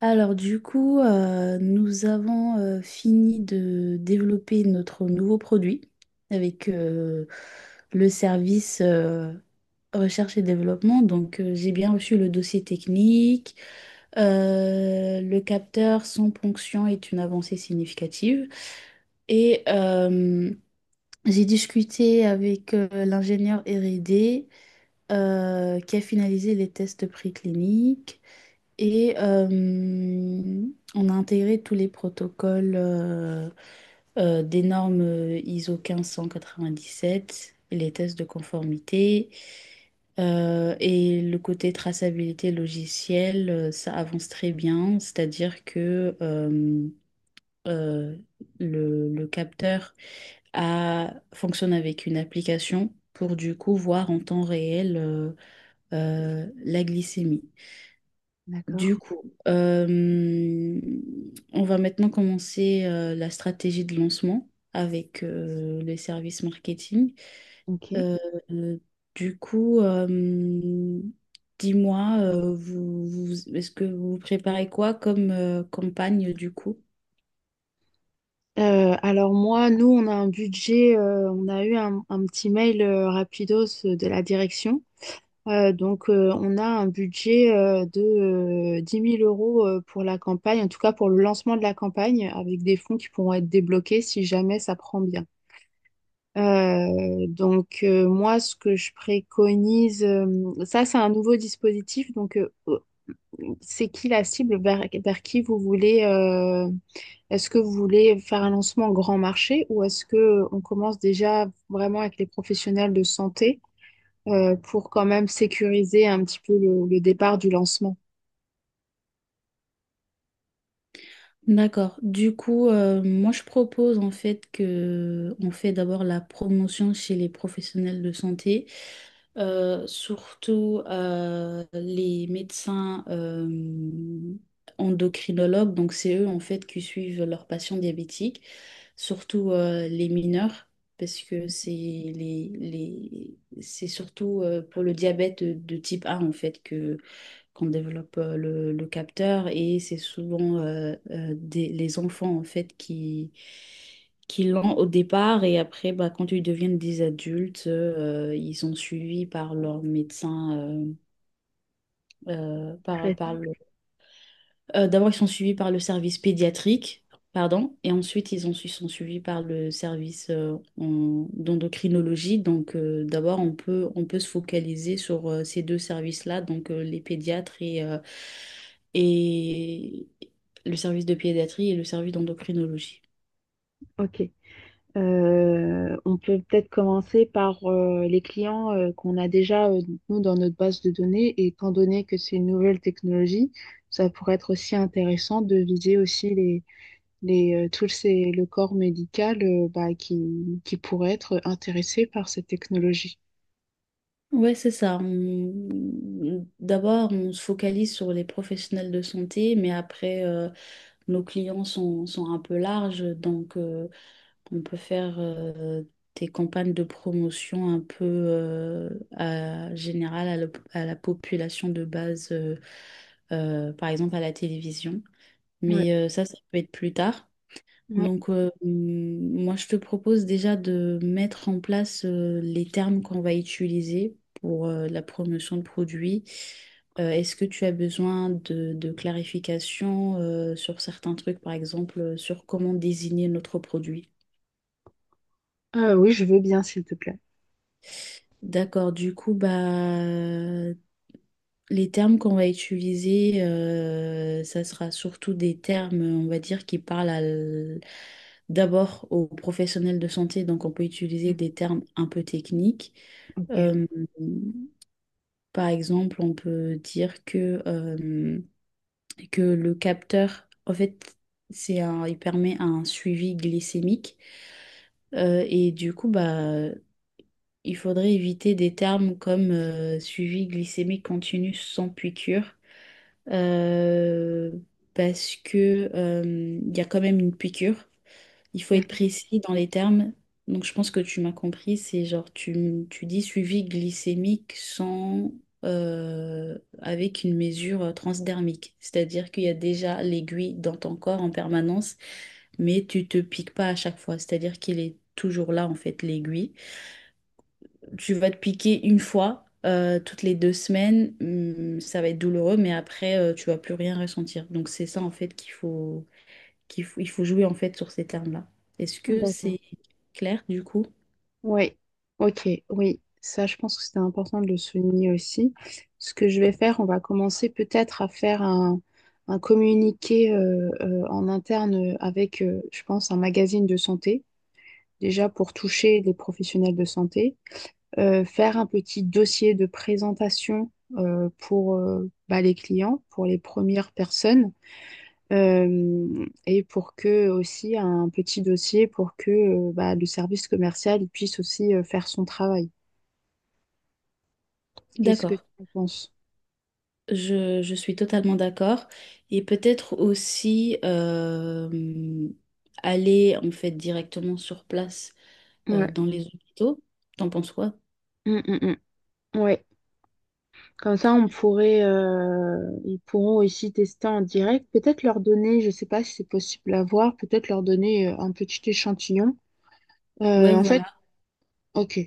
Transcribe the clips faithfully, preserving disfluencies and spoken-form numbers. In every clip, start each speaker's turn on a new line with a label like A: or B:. A: Alors du coup, euh, nous avons euh, fini de développer notre nouveau produit avec euh, le service euh, recherche et développement. Donc euh, j'ai bien reçu le dossier technique. Euh, le capteur sans ponction est une avancée significative. Et euh, j'ai discuté avec euh, l'ingénieur R et D euh, qui a finalisé les tests précliniques. Et euh, on a intégré tous les protocoles euh, euh, des normes euh, I S O mille cinq cent quatre-vingt-dix-sept et les tests de conformité. Euh, et le côté traçabilité logicielle, euh, ça avance très bien, c'est-à-dire que euh, euh, le, le capteur a- fonctionne avec une application pour du coup voir en temps réel euh, euh, la glycémie.
B: D'accord,
A: Du coup, euh, on va maintenant commencer euh, la stratégie de lancement avec euh, les services marketing.
B: ok.
A: Euh, euh, du coup, euh, Dis-moi, euh, vous, vous- est-ce que vous préparez quoi comme euh, campagne du coup?
B: Euh, alors moi, nous, on a un budget, euh, on a eu un, un petit mail euh, rapidos euh, de la direction. Euh, donc, euh, on a un budget euh, de euh, dix mille euros euh, pour la campagne, en tout cas pour le lancement de la campagne, avec des fonds qui pourront être débloqués si jamais ça prend bien. Euh, donc, euh, moi, ce que je préconise, euh, ça, c'est un nouveau dispositif. Donc, euh, c'est qui la cible vers, vers qui vous voulez... euh, Est-ce que vous voulez faire un lancement grand marché ou est-ce que euh, on commence déjà vraiment avec les professionnels de santé euh, pour quand même sécuriser un petit peu le, le départ du lancement?
A: D'accord. Du coup, euh, moi je propose en fait que on fait d'abord la promotion chez les professionnels de santé. Euh, surtout euh, les médecins euh, endocrinologues, donc c'est eux en fait qui suivent leurs patients diabétiques, surtout euh, les mineurs, parce que c'est les, les, c'est surtout euh, pour le diabète de, de type A en fait que qu'on développe euh, le, le capteur et c'est souvent euh, euh, des- les enfants en fait qui, qui l'ont au départ et après bah, quand ils deviennent des adultes euh, ils sont suivis par leur médecin euh, euh,
B: Très
A: par, par
B: bien.
A: le euh, d'abord, ils sont suivis par le service pédiatrique, pardon, et ensuite, ils ont, ils sont suivis par le service euh, en- d'endocrinologie. Donc, euh, d'abord, on peut, on peut se focaliser sur euh, ces deux services-là, donc euh, les pédiatres et, euh, et le service de pédiatrie et le service d'endocrinologie.
B: Ok. Euh, on peut peut-être commencer par euh, les clients euh, qu'on a déjà, euh, nous, dans notre base de données. Et étant donné que c'est une nouvelle technologie, ça pourrait être aussi intéressant de viser aussi les, les, euh, tout ces- le corps médical, euh, bah, qui, qui pourrait être intéressé par cette technologie.
A: Ouais, c'est ça. On- D'abord, on se focalise sur les professionnels de santé, mais après, euh, nos clients sont, sont un peu larges, donc euh, on peut faire euh, des campagnes de promotion un peu euh, à, générales à, la à la population de base, euh, euh, par exemple à la télévision.
B: Ouais,
A: Mais euh, ça, ça peut être plus tard.
B: ouais.
A: Donc, euh, hum, moi, je te propose déjà de mettre en place euh, les termes qu'on va utiliser pour euh, la promotion de produits. Euh, est-ce que tu as besoin de, de clarification euh, sur certains trucs, par exemple, euh, sur comment désigner notre produit?
B: Euh, oui, je veux bien, s'il te plaît.
A: D'accord, du coup, bah, les termes qu'on va utiliser, euh, ça sera surtout des termes, on va dire, qui parlent à l- d'abord aux professionnels de santé, donc on peut utiliser des termes un peu techniques.
B: Ok,
A: Euh, par exemple, on peut dire que, euh, que le capteur, en fait, c'est un, il permet un suivi glycémique. Euh, et du coup, bah, il faudrait éviter des termes comme euh, suivi glycémique continu sans piqûre, euh, parce que euh, il y a quand même une piqûre. Il faut être
B: d'accord.
A: précis dans les termes. Donc je pense que tu m'as compris, c'est genre tu, m- tu dis suivi glycémique sans euh, avec une mesure euh, transdermique, c'est-à-dire qu'il y a déjà l'aiguille dans ton corps en permanence, mais tu te piques pas à chaque fois, c'est-à-dire qu'il est toujours là en fait l'aiguille. Tu vas te piquer une fois, euh, toutes les deux semaines, hum, ça va être douloureux, mais après, euh, tu vas plus rien ressentir. Donc c'est ça en fait qu'il faut, qu'il faut, il faut jouer en fait sur ces termes-là. Est-ce que
B: D'accord.
A: c'est clair du coup?
B: Oui, ok, oui. Ça, je pense que c'était important de le souligner aussi. Ce que je vais faire, on va commencer peut-être à faire un, un communiqué euh, euh, en interne avec, euh, je pense, un magazine de santé, déjà pour toucher les professionnels de santé. Euh, faire un petit dossier de présentation euh, pour, euh, bah, les clients, pour les premières personnes. Euh, et pour que aussi un petit dossier pour que euh, bah, le service commercial il puisse aussi euh, faire son travail. Qu'est-ce que
A: D'accord,
B: tu en penses?
A: je, je suis totalement d'accord. Et peut-être aussi euh, aller en fait directement sur place euh,
B: Ouais.
A: dans les hôpitaux. T'en penses quoi?
B: Mm, mm, mm. Ouais. Comme ça, on pourrait, euh, ils pourront aussi tester en direct. Peut-être leur donner, je sais pas si c'est possible à voir, peut-être leur donner euh, un petit échantillon.
A: Ouais,
B: Euh, en fait,
A: voilà,
B: ok.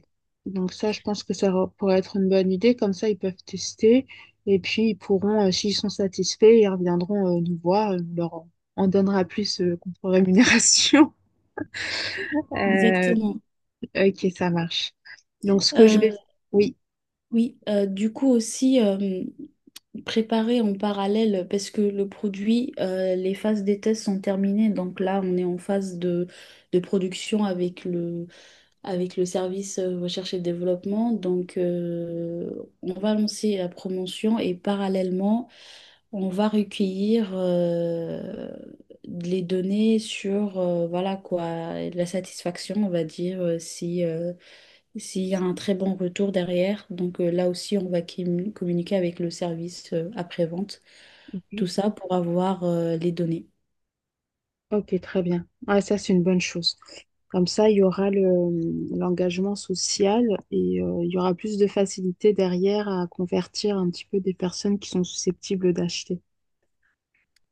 B: Donc ça, je pense que ça re- pourrait être une bonne idée. Comme ça, ils peuvent tester et puis ils pourront, euh, s'ils sont satisfaits, ils reviendront euh, nous voir. Euh, On leur en- on donnera plus euh, contre rémunération. Euh,
A: exactement.
B: ok, ça marche. Donc ce que je vais,
A: Euh,
B: Oui.
A: oui, euh, du coup aussi. Euh, préparer en parallèle parce que le produit, euh, les phases des tests sont terminées. Donc là, on est en phase de, de production avec le, avec le service euh, recherche et développement. Donc euh, on va lancer la promotion et parallèlement, on va recueillir euh, les données sur euh, voilà quoi, la satisfaction, on va dire, euh, si, euh, s'il y a un très bon retour derrière. Donc euh, là aussi, on va com- communiquer avec le service euh, après-vente. Tout ça pour avoir euh, les données.
B: Ok, très bien. Ouais, ça, c'est une bonne chose. Comme ça, il y aura le, l'engagement social et euh, il y aura plus de facilité derrière à convertir un petit peu des personnes qui sont susceptibles d'acheter.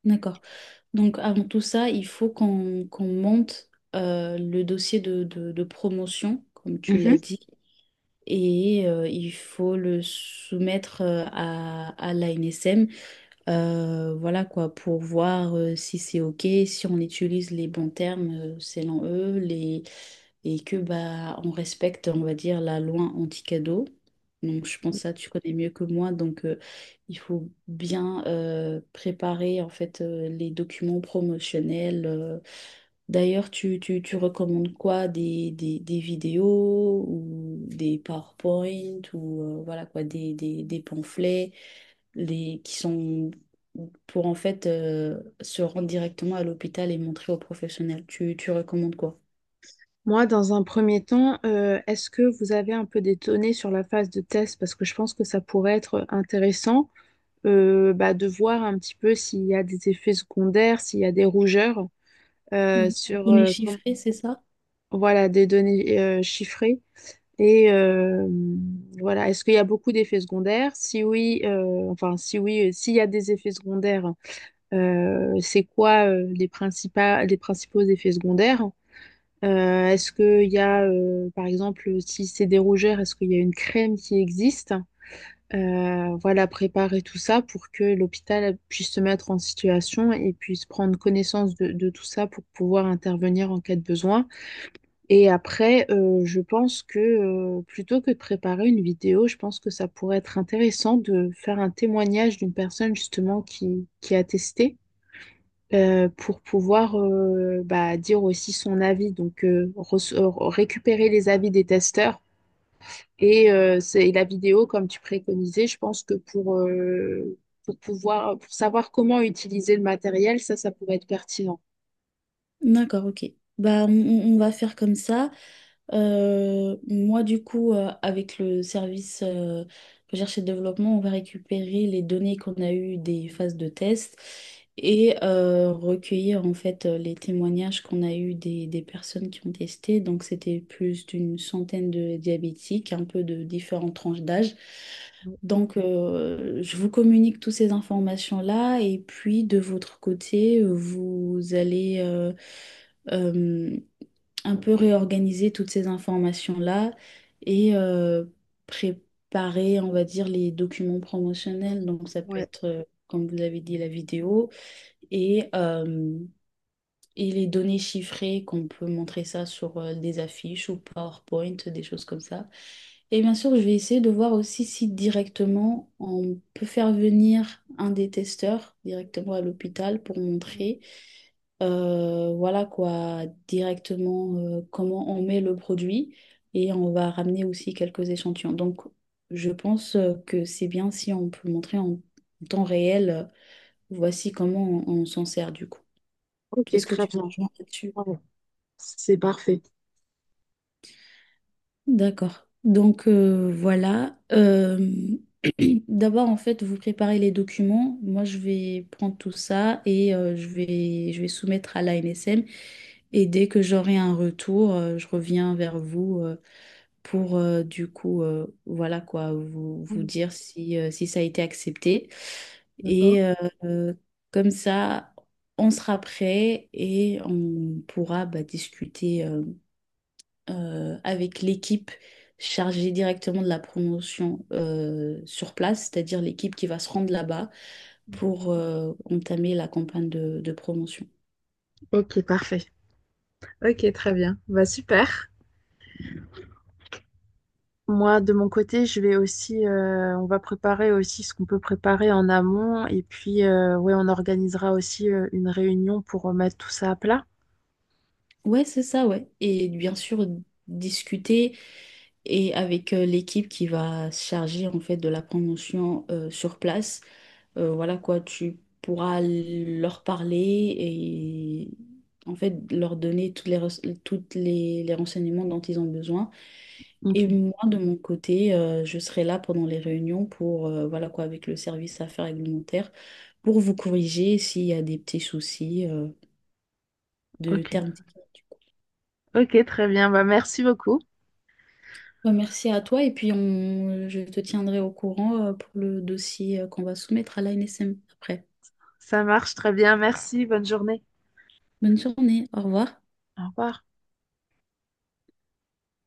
A: D'accord. Donc avant tout ça, il faut qu'on qu'on monte euh, le dossier de, de- de promotion, comme tu l'as
B: Mhm.
A: dit, et euh, il faut le soumettre euh, à, à l'A N S M. Euh, voilà quoi, pour voir euh, si c'est OK, si on utilise les bons termes euh, selon eux, les… et que bah on respecte, on va dire, la loi anti-cadeau. Donc je pense ça, tu connais mieux que moi, donc euh, il faut bien euh, préparer en fait euh, les documents promotionnels. euh, D'ailleurs, tu, tu, tu recommandes quoi? Des, des, des vidéos ou des PowerPoint ou euh, voilà quoi, des, des, des pamphlets les, qui sont pour en fait euh, se rendre directement à l'hôpital et montrer aux professionnels. Tu, tu recommandes quoi?
B: Moi, dans un premier temps, euh, est-ce que vous avez un peu des données sur la phase de test? Parce que je pense que ça pourrait être intéressant, euh, bah, de voir un petit peu s'il y a des effets secondaires, s'il y a des rougeurs euh,
A: Oui. Les
B: sur
A: données
B: euh, com-
A: chiffrées, c'est ça?
B: voilà, des données euh, chiffrées. Et euh, voilà, est-ce qu'il y a beaucoup d'effets secondaires? Si oui, euh, enfin si oui, euh, s'il y a des effets secondaires, euh, c'est quoi euh, les principaux, les principaux effets secondaires? Euh, est-ce qu'il y a, euh, par exemple, si c'est des rougeurs, est-ce qu'il y a une crème qui existe? Euh, voilà, préparer tout ça pour que l'hôpital puisse se mettre en situation et puisse prendre connaissance de, de tout ça pour pouvoir intervenir en cas de besoin. Et après, euh, je pense que euh, plutôt que de préparer une vidéo, je pense que ça pourrait être intéressant de faire un témoignage d'une personne justement qui, qui a testé euh, pour pouvoir, euh, bah, dire aussi son avis. Donc euh, reç- euh, récupérer les avis des testeurs et, euh, c'est, et la vidéo comme tu préconisais, je pense que pour, euh, pour pouvoir pour savoir comment utiliser le matériel, ça, ça pourrait être pertinent.
A: D'accord, ok. Bah, on, on- on va faire comme ça. Euh, moi, du coup, euh, avec le service euh, recherche et développement, on va récupérer les données qu'on a eues des phases de test et euh, recueillir en fait euh, les témoignages qu'on a eus des, des personnes qui ont testé. Donc, c'était plus d'une centaine de diabétiques, un peu de différentes tranches d'âge.
B: Ouais,
A: Donc, euh, je vous communique toutes ces informations-là et puis de votre côté, euh, vous allez euh, euh, un peu réorganiser toutes ces informations-là et euh, préparer, on va dire, les documents
B: super.
A: promotionnels. Donc, ça peut
B: Ouais,
A: être, euh, comme vous avez dit, la vidéo et euh, et les données chiffrées, qu'on peut montrer ça sur euh, des affiches ou PowerPoint, des choses comme ça. Et bien sûr, je vais essayer de voir aussi si directement on peut faire venir un des testeurs directement à l'hôpital pour
B: ouais.
A: montrer, euh, voilà quoi, directement euh, comment on met le produit et on va ramener aussi quelques échantillons. Donc, je pense euh, que c'est bien si on peut montrer en temps réel, euh, voici comment on, on s'en sert du coup.
B: Ok,
A: Est-ce que
B: très
A: tu me
B: bien.
A: rejoins là-dessus?
B: Ouais, c'est parfait.
A: D'accord. Donc euh, voilà. Euh, d'abord, en fait, vous préparez les documents. Moi, je vais prendre tout ça et euh, je vais, je vais soumettre à la l'A N S M. Et dès que j'aurai un retour, euh, je reviens vers vous euh, pour euh, du coup, euh, voilà quoi, vous, vous dire si, euh, si ça a été accepté.
B: D'accord.
A: Et euh, euh, Comme ça, on sera prêt et on pourra bah, discuter. Euh, euh, avec l'équipe chargée directement de la promotion euh, sur place, c'est-à-dire l'équipe qui va se rendre là-bas pour euh, entamer la campagne de, de promotion.
B: Ok, parfait. Ok, très bien. Bah, super. Moi, de mon côté, je vais aussi, euh, on va préparer aussi ce qu'on peut préparer en amont. Et puis, euh, ouais, on organisera aussi euh, une réunion pour remettre tout ça à plat.
A: Ouais, c'est ça, ouais. Et bien sûr, discuter et avec euh, l'équipe qui va se charger en fait de la promotion euh, sur place. Euh, voilà quoi, tu pourras leur parler et en fait leur donner toutes les, res- toutes les les renseignements dont ils ont besoin.
B: Ok,
A: Et moi, de mon côté, euh, je serai là pendant les réunions pour, euh, voilà quoi, avec le service affaires réglementaires, pour vous corriger s'il y a des petits soucis euh, de
B: ok,
A: termes techniques. du coup.
B: ok, très bien. Bah, merci beaucoup.
A: Bah, merci à toi et puis on, je te tiendrai au courant euh, pour le dossier euh, qu'on va soumettre à l'A N S M après.
B: Ça marche très bien. Merci. Bonne journée.
A: Bonne journée, au revoir.
B: Au revoir.